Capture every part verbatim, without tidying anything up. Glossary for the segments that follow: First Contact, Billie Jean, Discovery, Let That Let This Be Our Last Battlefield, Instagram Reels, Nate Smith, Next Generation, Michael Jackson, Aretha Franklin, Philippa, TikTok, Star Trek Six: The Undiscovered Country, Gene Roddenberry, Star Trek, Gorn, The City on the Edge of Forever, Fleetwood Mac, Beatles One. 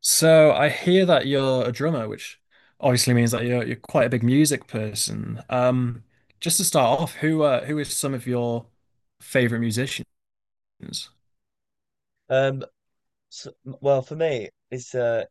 So I hear that you're a drummer, which obviously means that you're you're quite a big music person. Um, just to start off, who uh, who is some of your favorite musicians? Um, s well, for me, it's uh,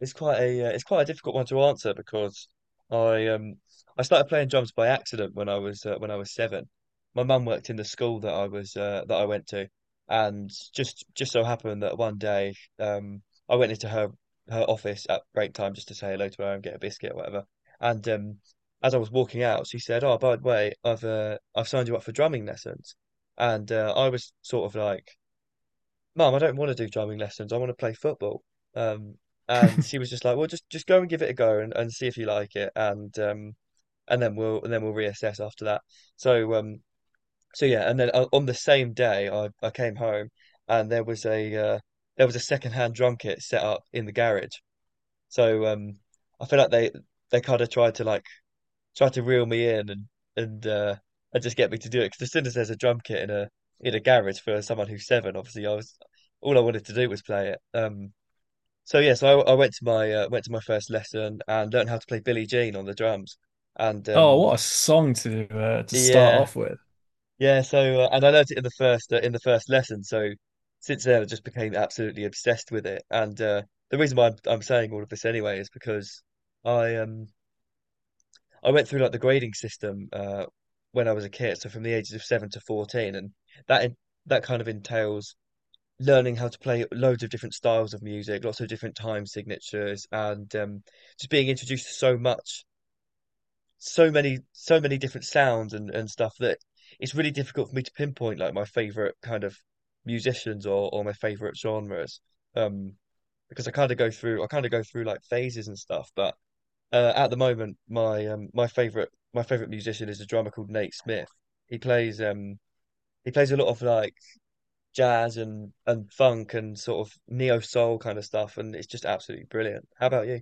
it's quite a uh, it's quite a difficult one to answer because I um I started playing drums by accident when I was uh, when I was seven. My mum worked in the school that I was uh, that I went to, and just just so happened that one day um I went into her her office at break time just to say hello to her and get a biscuit or whatever. And um, as I was walking out, she said, "Oh, by the way, I've uh, I've signed you up for drumming lessons." And uh, I was sort of like, Mum, I don't want to do drumming lessons. I want to play football. Um, and she was just like, well, just just go and give it a go, and and see if you like it, and um, and then we'll and then we'll reassess after that. So um, so yeah, and then o- on the same day, I I came home and there was a uh, there was a secondhand drum kit set up in the garage. So um, I feel like they they kind of tried to like try to reel me in and and uh, and just get me to do it. Because as soon as there's a drum kit in a in a garage for someone who's seven, obviously I was all I wanted to do was play it. Um, so yeah, so I, I went to my uh, went to my first lesson and learned how to play Billie Jean on the drums. And Oh, um, what a song to uh, to start yeah, off with. yeah. So uh, and I learned it in the first uh, in the first lesson. So since then, I just became absolutely obsessed with it. And uh, The reason why I'm, I'm saying all of this anyway is because I um I went through like the grading system uh, when I was a kid, so from the ages of seven to fourteen, and that that kind of entails learning how to play loads of different styles of music, lots of different time signatures, and um, just being introduced to so much, so many, so many different sounds and and stuff that it's really difficult for me to pinpoint like my favorite kind of musicians or or my favorite genres, um, because I kind of go through I kind of go through like phases and stuff, but. Uh, at the moment, my um, my favorite my favorite musician is a drummer called Nate Smith. He plays um he plays a lot of like jazz and and funk and sort of neo soul kind of stuff, and it's just absolutely brilliant. How about you?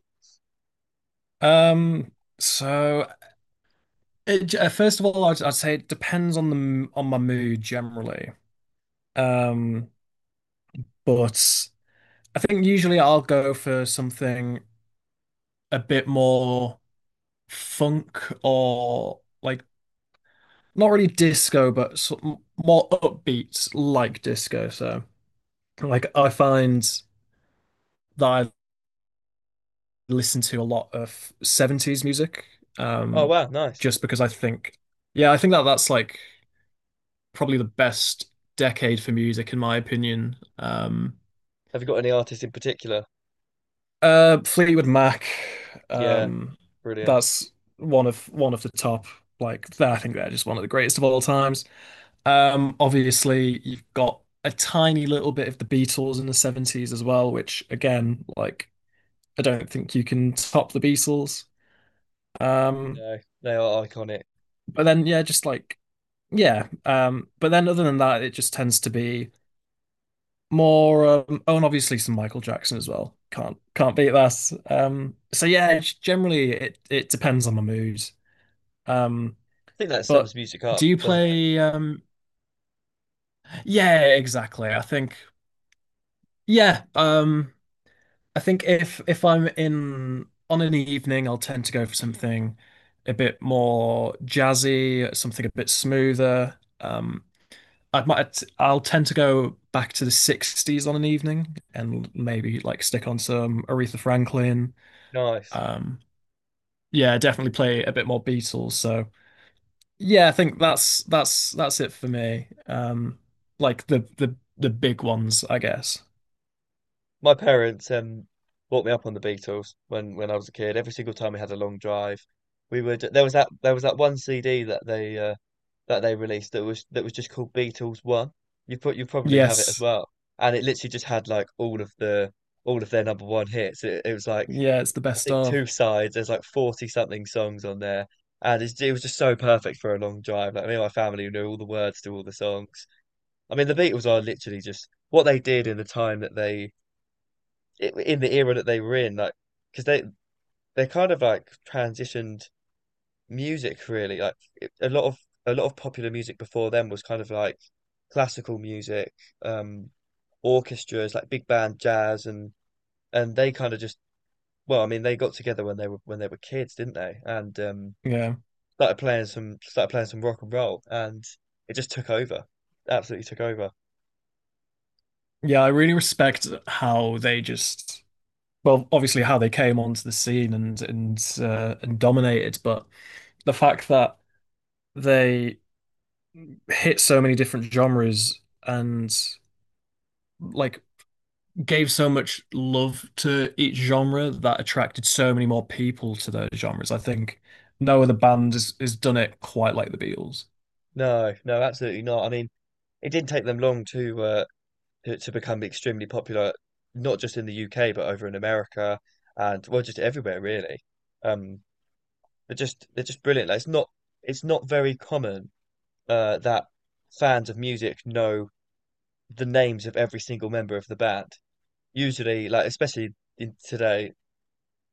Um, so it, j- uh, First of all, I'd, I'd say it depends on the m- on my mood generally. Um, but I think usually I'll go for something a bit more funk, or like, not really disco, but sort of more upbeat like disco. So like I find that I listen to a lot of seventies music, Oh um, wow, nice. just because I think, yeah, I think that that's like probably the best decade for music in my opinion. Um, Have you got any artists in particular? Uh, Fleetwood Mac. Yeah, Um, brilliant. that's one of one of the top. Like, I think they're just one of the greatest of all times. Um, obviously, you've got a tiny little bit of the Beatles in the seventies as well, which again, like, I don't think you can top the Beatles. Um, No, they are iconic. I but then, yeah, just like, yeah. Um, but then, other than that, it just tends to be more um, oh, and obviously some Michael Jackson as well. Can't can't beat that. Um so yeah, generally it it depends on my mood. Um think that sums but music do up, you doesn't it? play um yeah, exactly. I think yeah, um I think if if I'm in on an evening, I'll tend to go for something a bit more jazzy, something a bit smoother. Um I might I'll tend to go back to the sixties on an evening and maybe like stick on some Aretha Franklin. Nice. Um yeah, definitely play a bit more Beatles. So yeah, I think that's that's that's it for me. Um like the the the big ones, I guess. My parents um brought me up on the Beatles when when I was a kid. Every single time we had a long drive, we would there was that there was that one C D that they uh, that they released that was that was just called Beatles One. You put you probably have it as Yes. well, and it literally just had like all of the all of their number one hits. It, it was like, Yeah, it's the I best think, of. two sides. There's like forty something songs on there, and it's, it was just so perfect for a long drive. Like me and my family knew all the words to all the songs. I mean, the Beatles are literally just what they did in the time that they in the era that they were in, like because they they kind of like transitioned music really. Like it- a lot of a lot of popular music before them was kind of like classical music, um, orchestras, like big band jazz, and and they kind of just, well, I mean, they got together when they were when they were kids, didn't they? And um, Yeah. started playing some started playing some rock and roll, and it just took over, absolutely took over. Yeah, I really respect how they just well, obviously how they came onto the scene and and uh, and dominated, but the fact that they hit so many different genres and like gave so much love to each genre that attracted so many more people to those genres. I think no other band has, has done it quite like the Beatles. No, no, absolutely not. I mean, it didn't take them long to uh, to, to become extremely popular, not just in the U K but over in America and, well, just everywhere really. Um, they're just they're just brilliant. Like, it's not it's not very common uh, that fans of music know the names of every single member of the band. Usually, like especially in today,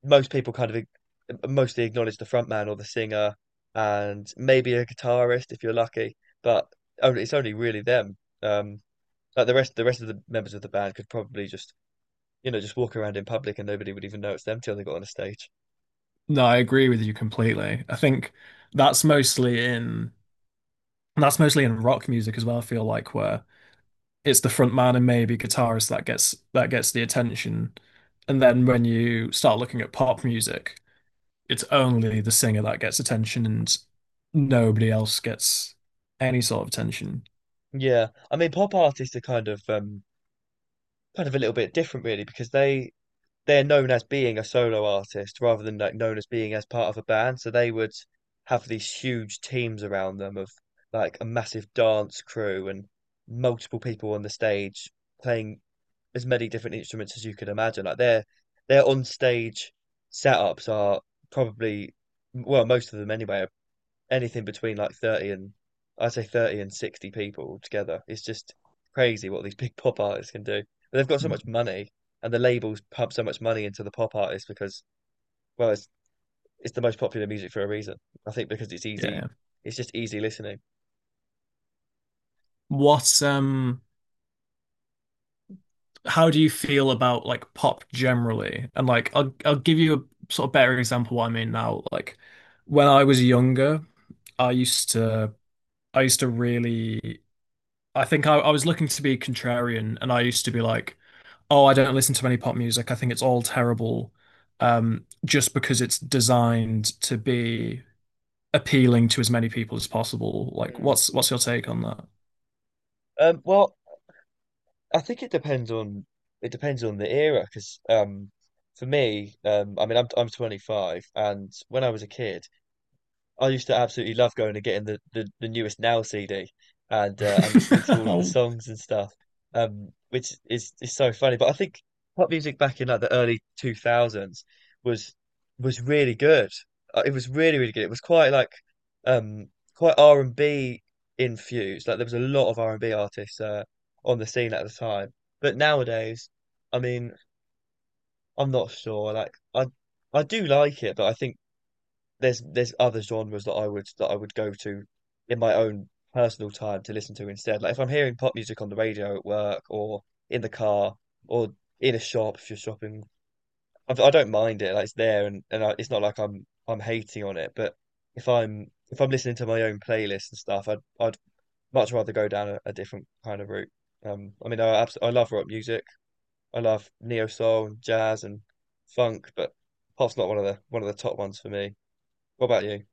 most people kind of ig- mostly acknowledge the frontman or the singer, and maybe a guitarist if you're lucky. But only it's only really them. Um, like the rest, the rest of the members of the band could probably just you know just walk around in public and nobody would even know it's them till they got on a stage. No, I agree with you completely. I think that's mostly in that's mostly in rock music as well, I feel like, where it's the front man and maybe guitarist that gets that gets the attention. And then when you start looking at pop music, it's only the singer that gets attention, and nobody else gets any sort of attention. Yeah, I mean, pop artists are kind of um, kind of a little bit different, really, because they they're known as being a solo artist rather than like known as being as part of a band. So they would have these huge teams around them of like a massive dance crew and multiple people on the stage playing as many different instruments as you could imagine. Like their their on stage setups are, probably, well, most of them anyway, are anything between like thirty and, I'd say, thirty and sixty people together. It's just crazy what these big pop artists can do. But they've got so Hmm. much money and the labels pump so much money into the pop artists because, well, it's, it's the most popular music for a reason. I think because it's Yeah, easy, yeah. it's just easy listening. What um how do you feel about like pop generally? And like I'll I'll give you a sort of better example of what I mean now. Like when I was younger, I used to I used to really I think I, I was looking to be contrarian, and I used to be like, oh, I don't listen to any pop music. I think it's all terrible. Um, just because it's designed to be appealing to as many people as possible. Like, Hmm. what's what's your take on that? Um, well, I think it depends on it depends on the era because, um, for me, um, I mean, I'm I'm twenty-five, and when I was a kid, I used to absolutely love going and getting the the, the newest Now C D and uh, and listening to all of the songs and stuff, um, which is is so funny. But I think pop music back in like the early two thousands was was really good. Uh, It was really, really good. It was quite like um quite R and B infused. Like there was a lot of R and B artists uh, on the scene at the time. But nowadays, I mean, I'm not sure. Like I I do like it, but I think there's there's other genres that I would that I would go to in my own personal time to listen to instead. Like if I'm hearing pop music on the radio at work or in the car or in a shop if you're shopping, I, I don't mind it. Like it's there, and and I, it's not like I'm I'm hating on it. But if I'm if I'm listening to my own playlist and stuff, I'd I'd much rather go down a, a different kind of route. Um, I mean, I abs I love rock music. I love neo soul and jazz and funk, but pop's not one of the one of the top ones for me. What about you?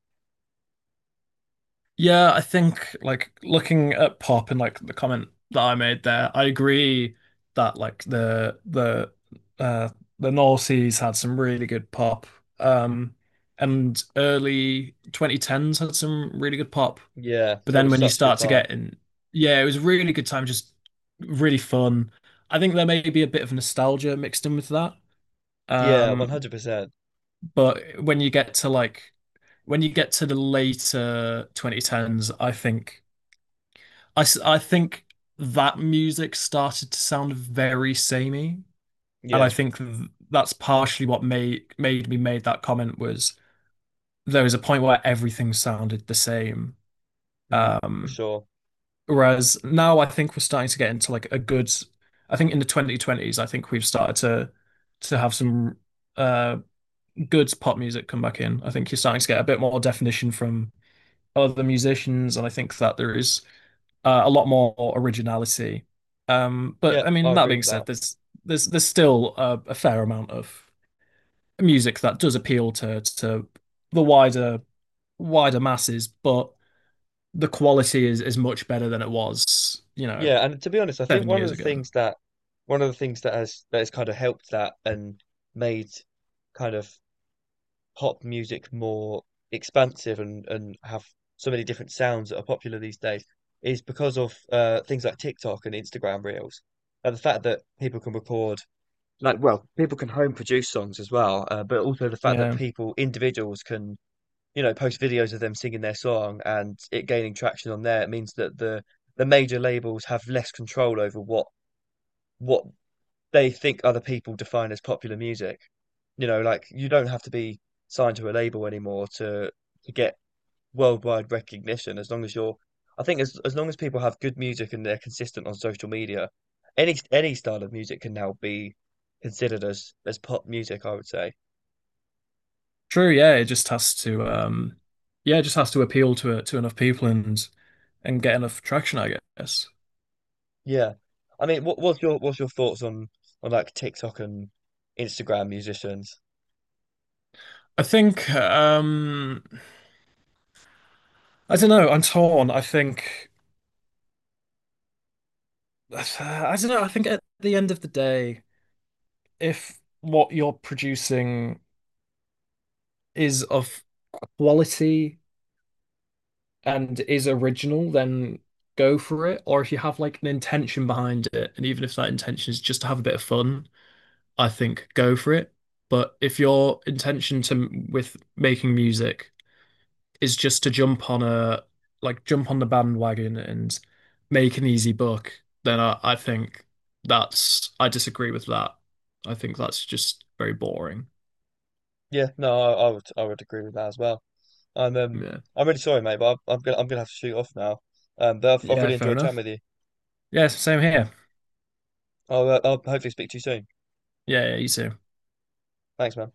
yeah, I think, like, looking at pop and like the comment that I made there, I agree that like the the uh the noughties had some really good pop. Um, and early twenty tens had some really good pop. Yeah, But it then was when you such a good start to time. get in, Yeah, it was a really good time, just really fun. I think there may be a bit of nostalgia mixed in with that. Yeah, Um, one hundred percent. But when you get to like when you get to the later twenty tens, I think I, s- I think that music started to sound very samey, and I Yeah, think th- that's partially what made made me made that comment. Was there was a point where everything sounded the same. mm, for Um, sure. whereas now I think we're starting to get into like a good, I think in the twenty twenties, I think we've started to to have some uh good pop music come back in. I think you're starting to get a bit more definition from other musicians, and I think that there is uh, a lot more originality. Um, Yeah, but I mean, I that agree being with that. said, there's there's there's still a, a fair amount of music that does appeal to to the wider wider masses, but the quality is is much better than it was, you know, Yeah, and to be honest, I think seven one of years the ago. things that one of the things that has that has kind of helped that and made, kind of, pop music more expansive and and have so many different sounds that are popular these days is because of uh things like TikTok and Instagram Reels. And the fact that people can record, like, well, people can home produce songs as well, uh, but also the fact that Yeah, people, individuals can, you know, post videos of them singing their song and it gaining traction on there, it means that the the major labels have less control over what what they think other people define as popular music. You know, like you don't have to be signed to a label anymore to to get worldwide recognition as long as you're I think, as as long as people have good music and they're consistent on social media, any any style of music can now be considered as as pop music, I would say. true. Yeah, it just has to, um, yeah, it just has to appeal to to enough people and and get enough traction, I guess. Yeah. I mean, what, what's your what's your thoughts on on like TikTok and Instagram musicians? I think, um, I don't know. I'm torn. I think, I don't know. I think at the end of the day, if what you're producing is of quality and is original, then go for it. Or if you have like an intention behind it, and even if that intention is just to have a bit of fun, I think go for it. But if your intention to with making music is just to jump on a, like, jump on the bandwagon and make an easy buck, then I, I think that's, I disagree with that. I think that's just very boring. Yeah, no, I, I would I would agree with that as well. I'm um Yeah. I'm really sorry, mate, but I'm, I'm gonna I'm gonna have to shoot off now. Um, but I've, I've Yeah, really fair enjoyed chatting enough. with you. Yes, same here. I'll, uh, I'll hopefully speak to you soon. Yeah, yeah, you too. Thanks, man.